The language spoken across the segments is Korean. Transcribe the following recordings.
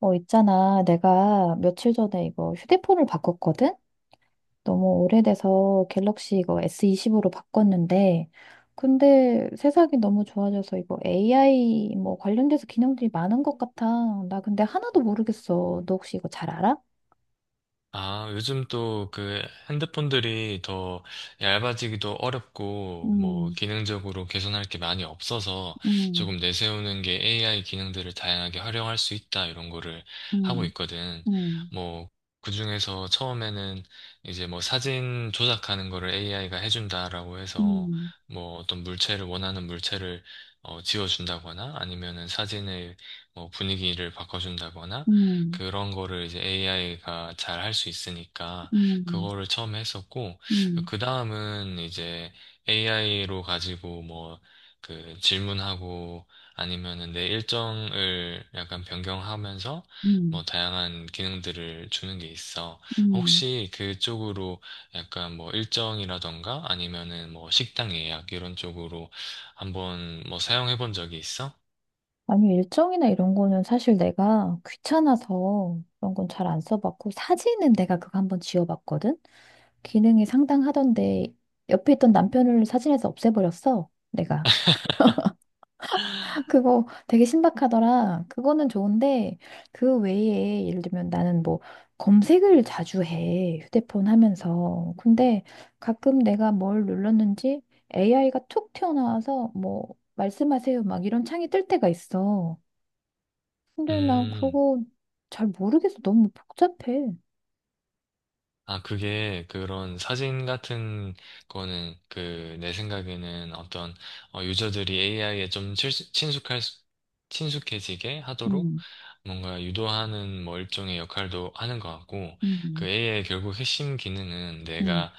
어, 있잖아. 내가 며칠 전에 이거 휴대폰을 바꿨거든? 너무 오래돼서 갤럭시 이거 S20으로 바꿨는데, 근데 세상이 너무 좋아져서 이거 AI 뭐 관련돼서 기능들이 많은 것 같아. 나 근데 하나도 모르겠어. 너 혹시 이거 잘 알아? 아, 요즘 또 그 핸드폰들이 더 얇아지기도 어렵고, 뭐, 음, 기능적으로 개선할 게 많이 없어서 음, 조금 내세우는 게 AI 기능들을 다양하게 활용할 수 있다, 이런 거를 하고 음, 있거든. 음, 뭐, 그중에서 처음에는 이제 뭐 사진 조작하는 거를 AI가 해준다라고 해서 음, 뭐 어떤 물체를, 원하는 물체를 지워준다거나 아니면은 사진의 뭐 분위기를 바꿔준다거나 음, 그런 거를 이제 AI가 잘 할 수 있으니까 음, 그거를 처음 했었고 음, 그 다음은 이제 AI로 가지고 뭐 그 질문하고 아니면은 내 일정을 약간 변경하면서 뭐 음, 다양한 기능들을 주는 게 있어. 음. 혹시 그쪽으로 약간 뭐 일정이라던가 아니면은 뭐 식당 예약 이런 쪽으로 한번 뭐 사용해 본 적이 있어? 아니, 일정이나 이런 거는 사실 내가 귀찮아서 그런 건 잘 안 써봤고, 사진은 내가 그거 한번 지워봤거든? 기능이 상당하던데, 옆에 있던 남편을 사진에서 없애버렸어, 내가. 그거 되게 신박하더라. 그거는 좋은데, 그 외에, 예를 들면 나는 뭐, 검색을 자주 해, 휴대폰 하면서. 근데 가끔 내가 뭘 눌렀는지 AI가 툭 튀어나와서, 뭐, 말씀하세요, 막 이런 창이 뜰 때가 있어. 근데 나 음. 그거 잘 모르겠어. 너무 복잡해. 아, 그게 그런 사진 같은 거는 그 내 생각에는 어떤 유저들이 AI에 좀 친숙해지게 하도록 음, 뭔가 유도하는 뭐 일종의 역할도 하는 것 같고 그 음, AI의 결국 핵심 기능은 음, 내가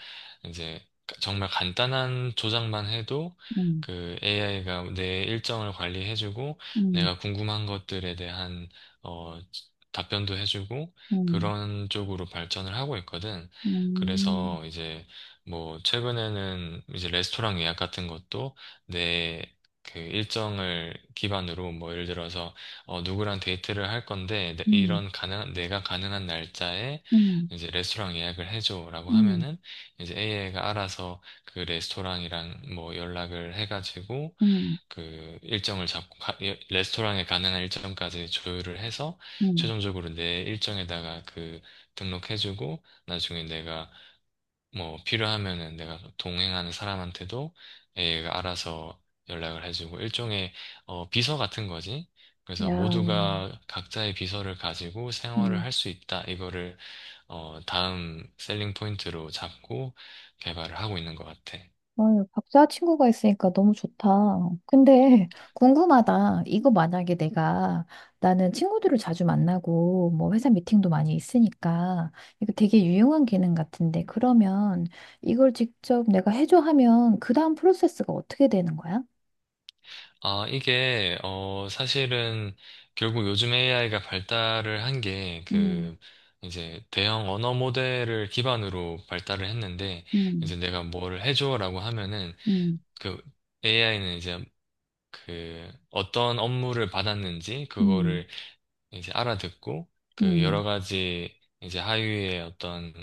이제 정말 간단한 조작만 해도 음, 그 AI가 내 일정을 관리해주고 음, 내가 궁금한 것들에 대한 어, 답변도 해주고 음, 그런 쪽으로 발전을 하고 있거든. 음, 그래서 이제 뭐 최근에는 이제 레스토랑 예약 같은 것도 내 그 일정을 기반으로 뭐 예를 들어서 어 누구랑 데이트를 할 건데 음, 이런 가능 내가 가능한 날짜에 음, 이제 레스토랑 예약을 해줘라고 음, 하면은 이제 AI가 알아서 그 레스토랑이랑 뭐 연락을 해가지고 음, 그 일정을 잡고 예, 레스토랑에 가능한 일정까지 조율을 해서 음. 최종적으로 내 일정에다가 그 등록해주고 나중에 내가 뭐 필요하면은 내가 동행하는 사람한테도 얘가 알아서 연락을 해주고 일종의 비서 같은 거지. 그래서 야, 모두가 각자의 비서를 가지고 생활을 음. 할 수 있다. 이거를 다음 셀링 포인트로 잡고 개발을 하고 있는 것 같아. 아유, 박사 친구가 있으니까 너무 좋다. 근데 궁금하다. 이거 만약에 내가 나는 친구들을 자주 만나고 뭐 회사 미팅도 많이 있으니까 이거 되게 유용한 기능 같은데 그러면 이걸 직접 내가 해줘 하면 그 다음 프로세스가 어떻게 되는 거야? 아, 이게, 사실은 결국 요즘 AI가 발달을 한 게, 음, 그, 이제 대형 언어 모델을 기반으로 발달을 했는데, 음, 이제 내가 뭐를 해줘라고 하면은, 음, 그 AI는 이제 그 어떤 업무를 받았는지, 음, 그거를 이제 알아듣고, 그 여러 음, 가지 이제 하위의 어떤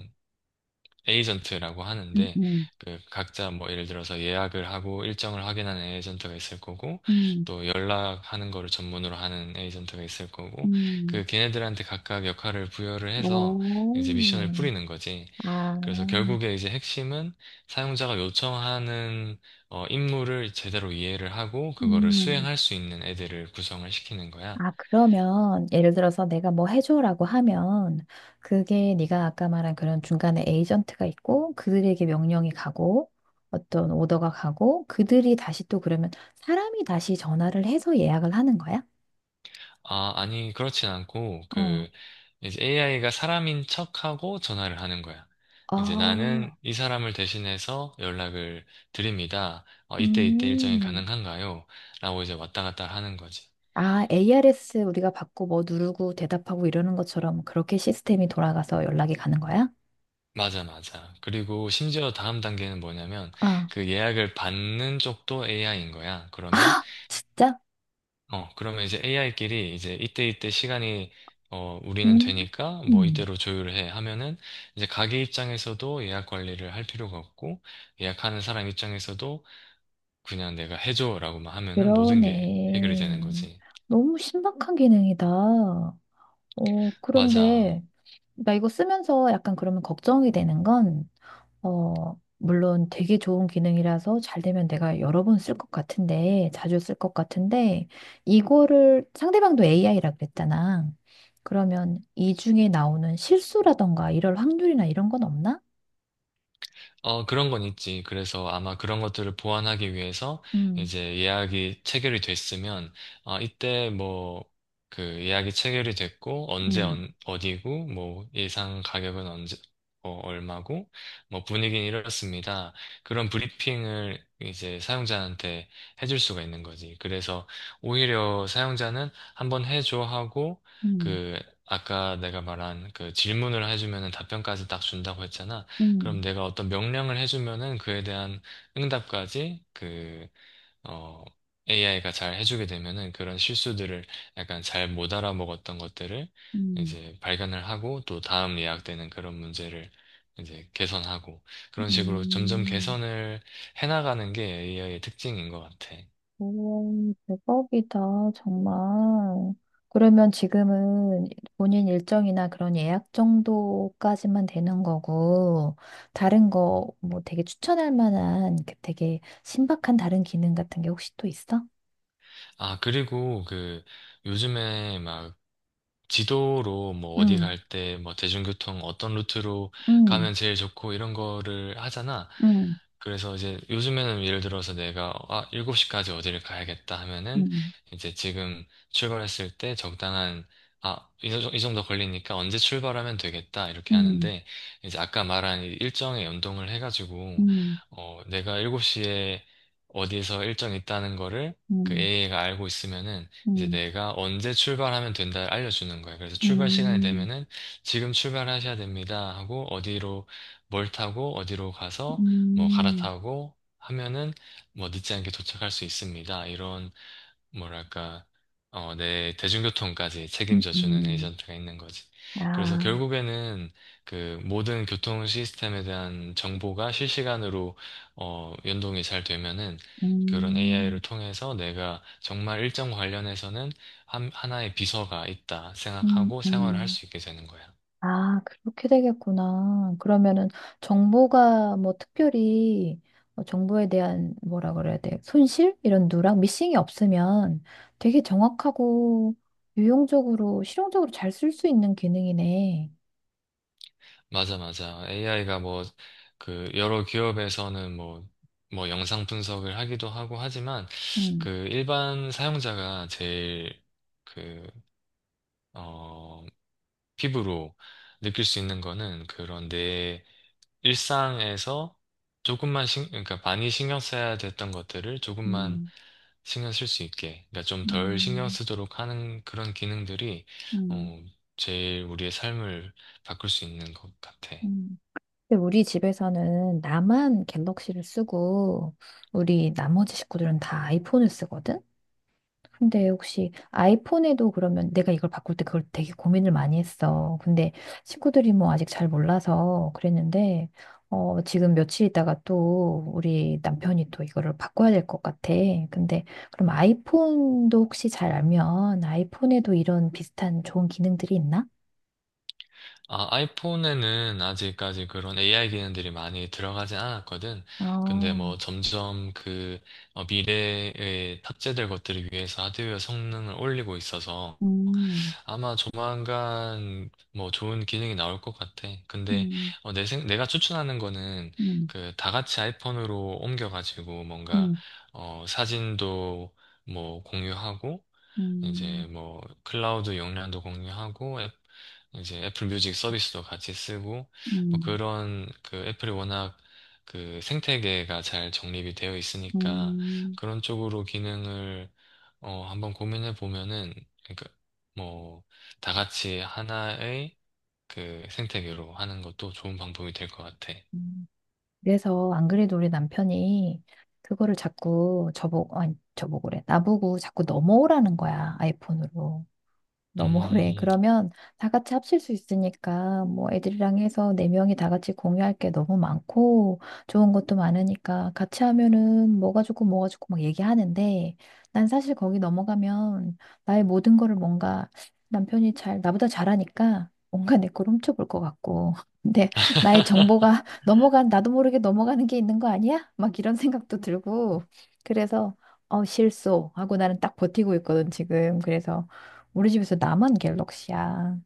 에이전트라고 음, 하는데 음, 그 각자 뭐 예를 들어서 예약을 하고 일정을 확인하는 에이전트가 있을 거고 음, 또 연락하는 거를 전문으로 하는 에이전트가 있을 거고 음. 그 걔네들한테 각각 역할을 부여를 해서 이제 미션을 오, 뿌리는 거지. 아, 그래서 결국에 이제 핵심은 사용자가 요청하는 임무를 제대로 이해를 하고 그거를 음. 수행할 수 있는 애들을 구성을 시키는 거야. 아, 그러면 예를 들어서 내가 뭐 해줘라고 하면 그게 네가 아까 말한 그런 중간에 에이전트가 있고 그들에게 명령이 가고 어떤 오더가 가고 그들이 다시 또 그러면 사람이 다시 전화를 해서 예약을 하는 거야? 아, 아니, 그렇진 않고, 어. 그, 이제 AI가 사람인 척하고 전화를 하는 거야. 이제 아, 나는 이 사람을 대신해서 연락을 드립니다. 이때 이때 일정이 음. 가능한가요? 라고 이제 왔다 갔다 하는 거지. 아, ARS 우리가 받고 뭐 누르고 대답하고 이러는 것처럼 그렇게 시스템이 돌아가서 연락이 가는 거야? 맞아, 맞아. 그리고 심지어 다음 단계는 뭐냐면, 아. 그 예약을 받는 쪽도 AI인 거야. 그러면 아, 진짜? 그러면 이제 AI끼리 이제 이때 이때 시간이 우리는 되니까 뭐 음. 이때로 조율해 하면은 이제 가게 입장에서도 예약 관리를 할 필요가 없고 예약하는 사람 입장에서도 그냥 내가 해줘라고만 하면은 모든 게 해결이 되는 그러네. 거지. 너무 신박한 기능이다. 어, 맞아. 그런데, 나 이거 쓰면서 약간 그러면 걱정이 되는 건, 어, 물론 되게 좋은 기능이라서 잘 되면 내가 여러 번 쓸 것 같은데, 자주 쓸 것 같은데, 이거를 상대방도 AI라 그랬잖아. 그러면 이 중에 나오는 실수라던가 이럴 확률이나 이런 건 없나? 그런 건 있지. 그래서 아마 그런 것들을 보완하기 위해서 음, 이제 예약이 체결이 됐으면, 아, 이때 뭐, 그 예약이 체결이 됐고, 언제 음, 어디고, 뭐, 예상 가격은 언제, 얼마고, 뭐, 분위기는 이렇습니다. 그런 브리핑을 이제 사용자한테 해줄 수가 있는 거지. 그래서 오히려 사용자는 한번 해줘 하고, 음, 그, 아까 내가 말한 그 질문을 해주면 답변까지 딱 준다고 했잖아. 그럼 음, 내가 어떤 명령을 해주면은 그에 대한 응답까지 그, 어, AI가 잘 해주게 되면은 그런 실수들을 약간 잘 못 알아먹었던 것들을 음, 이제 발견을 하고 또 다음 예약되는 그런 문제를 이제 개선하고 그런 식으로 점점 음. 개선을 해나가는 게 AI의 특징인 것 같아. 오, 대박이다, 정말. 그러면 지금은 본인 일정이나 그런 예약 정도까지만 되는 거고, 다른 거 뭐 되게 추천할 만한 그 되게 신박한 다른 기능 같은 게 혹시 또 있어? 아, 그리고 그 요즘에 막 지도로 뭐 어디 응! 갈 때 뭐 대중교통 어떤 루트로 응! 가면 제일 좋고 이런 거를 하잖아. 응! 그래서 이제 요즘에는 예를 들어서 내가 아, 7시까지 어디를 가야겠다 하면은 응! 이제 지금 출발했을 때 적당한 아, 이 정도 걸리니까 언제 출발하면 되겠다 이렇게 응, 하는데 이제 아까 말한 이 일정에 연동을 해가지고 응, 내가 7시에 어디에서 일정 있다는 거를 그 응, a 가 알고 있으면은 이제 응, 내가 언제 출발하면 된다 알려주는 거예요. 그래서 출발 시간이 응, 되면은 지금 출발하셔야 됩니다 하고 어디로 뭘 타고 어디로 가서 뭐 응, 갈아타고 하면은 뭐 늦지 않게 도착할 수 있습니다. 이런 뭐랄까 내 대중교통까지 응, 책임져주는 응, 에이전트가 있는 거지. 그래서 아, 결국에는 그 모든 교통 시스템에 대한 정보가 실시간으로 연동이 잘 되면은 그런 음, AI를 통해서 내가 정말 일정 관련해서는 하나의 비서가 있다 음, 생각하고 생활을 할 음. 수 있게 되는 거야. 아, 그렇게 되겠구나. 그러면은 정보가 뭐 특별히 어, 정보에 대한 뭐라 그래야 돼? 손실? 이런 누락? 미싱이 없으면 되게 정확하고 유용적으로, 실용적으로 잘 쓸 수 있는 기능이네. 맞아, 맞아. AI가 뭐, 그, 여러 기업에서는 뭐, 뭐, 영상 분석을 하기도 하고 하지만, 음, 그, 일반 사용자가 제일, 그, 어, 피부로 느낄 수 있는 거는 그런 내 일상에서 조금만 그러니까 많이 신경 써야 됐던 것들을 조금만 음, 신경 쓸 수 있게, 그러니까 좀 덜 신경 음, 쓰도록 하는 그런 기능들이, 음, 어, 제일 우리의 삶을 바꿀 수 있는 것 같아. 음. 근데 우리 집에서는 나만 갤럭시를 쓰고 우리 나머지 식구들은 다 아이폰을 쓰거든? 근데 혹시 아이폰에도 그러면 내가 이걸 바꿀 때 그걸 되게 고민을 많이 했어. 근데 친구들이 뭐 아직 잘 몰라서 그랬는데, 어, 지금 며칠 있다가 또 우리 남편이 또 이거를 바꿔야 될 것 같아. 근데 그럼 아이폰도 혹시 잘 알면 아이폰에도 이런 비슷한 좋은 기능들이 있나? 아, 아이폰에는 아직까지 그런 AI 기능들이 많이 들어가진 않았거든. 근데 아, 뭐 점점 그 미래에 탑재될 것들을 위해서 하드웨어 성능을 올리고 있어서 음, 아마 조만간 뭐 좋은 기능이 나올 것 같아. 근데 음, 내 내가 추천하는 거는 음, 그 다 같이 아이폰으로 옮겨가지고 뭔가 음, 사진도 뭐 공유하고 이제 음, 뭐 클라우드 용량도 공유하고 이제 애플 뮤직 서비스도 같이 쓰고 뭐 음, 그런 그 애플이 워낙 그 생태계가 잘 정립이 되어 있으니까 음. 그런 쪽으로 기능을 어 한번 고민해 보면은 그러니까 뭐 다 같이 하나의 그 생태계로 하는 것도 좋은 방법이 될 것 같아. 음. 그래서 안 그래도 우리 남편이 그거를 자꾸 저보고, 아니, 저보고 그래. 나보고 자꾸 넘어오라는 거야, 아이폰으로. 너무 오래. 음. 그러면 다 같이 합칠 수 있으니까 뭐 애들이랑 해서 네 명이 다 같이 공유할 게 너무 많고 좋은 것도 많으니까 같이 하면은 뭐가 좋고 뭐가 좋고 막 얘기하는데 난 사실 거기 넘어가면 나의 모든 거를 뭔가 남편이 잘 나보다 잘하니까 뭔가 내 걸 훔쳐볼 것 같고 근데 나의 정보가 넘어간 나도 모르게 넘어가는 게 있는 거 아니야? 막 이런 생각도 들고 그래서 어 실소 하고 나는 딱 버티고 있거든 지금 그래서 우리 집에서 나만 갤럭시야.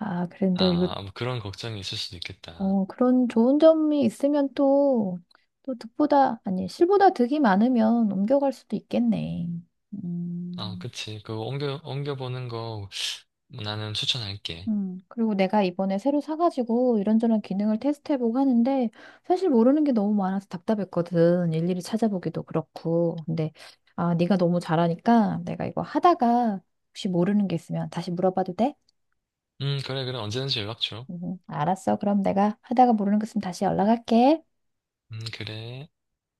아, 그런데 이거, 아, 뭐 그런 걱정이 있을 수도 있겠다. 어, 그런 좋은 점이 있으면 또, 또 득보다, 아니, 실보다 득이 많으면 옮겨갈 수도 있겠네. 아, 음, 그치. 그거 옮겨보는 거 나는 추천할게. 그리고 내가 이번에 새로 사가지고 이런저런 기능을 테스트해보고 하는데, 사실 모르는 게 너무 많아서 답답했거든. 일일이 찾아보기도 그렇고. 근데, 아, 네가 너무 잘하니까 내가 이거 하다가 혹시 모르는 게 있으면 다시 물어봐도 돼? 그래, 그래. 언제든지 연락 줘. 알았어. 그럼 내가 하다가 모르는 것 있으면 다시 연락할게. 그래.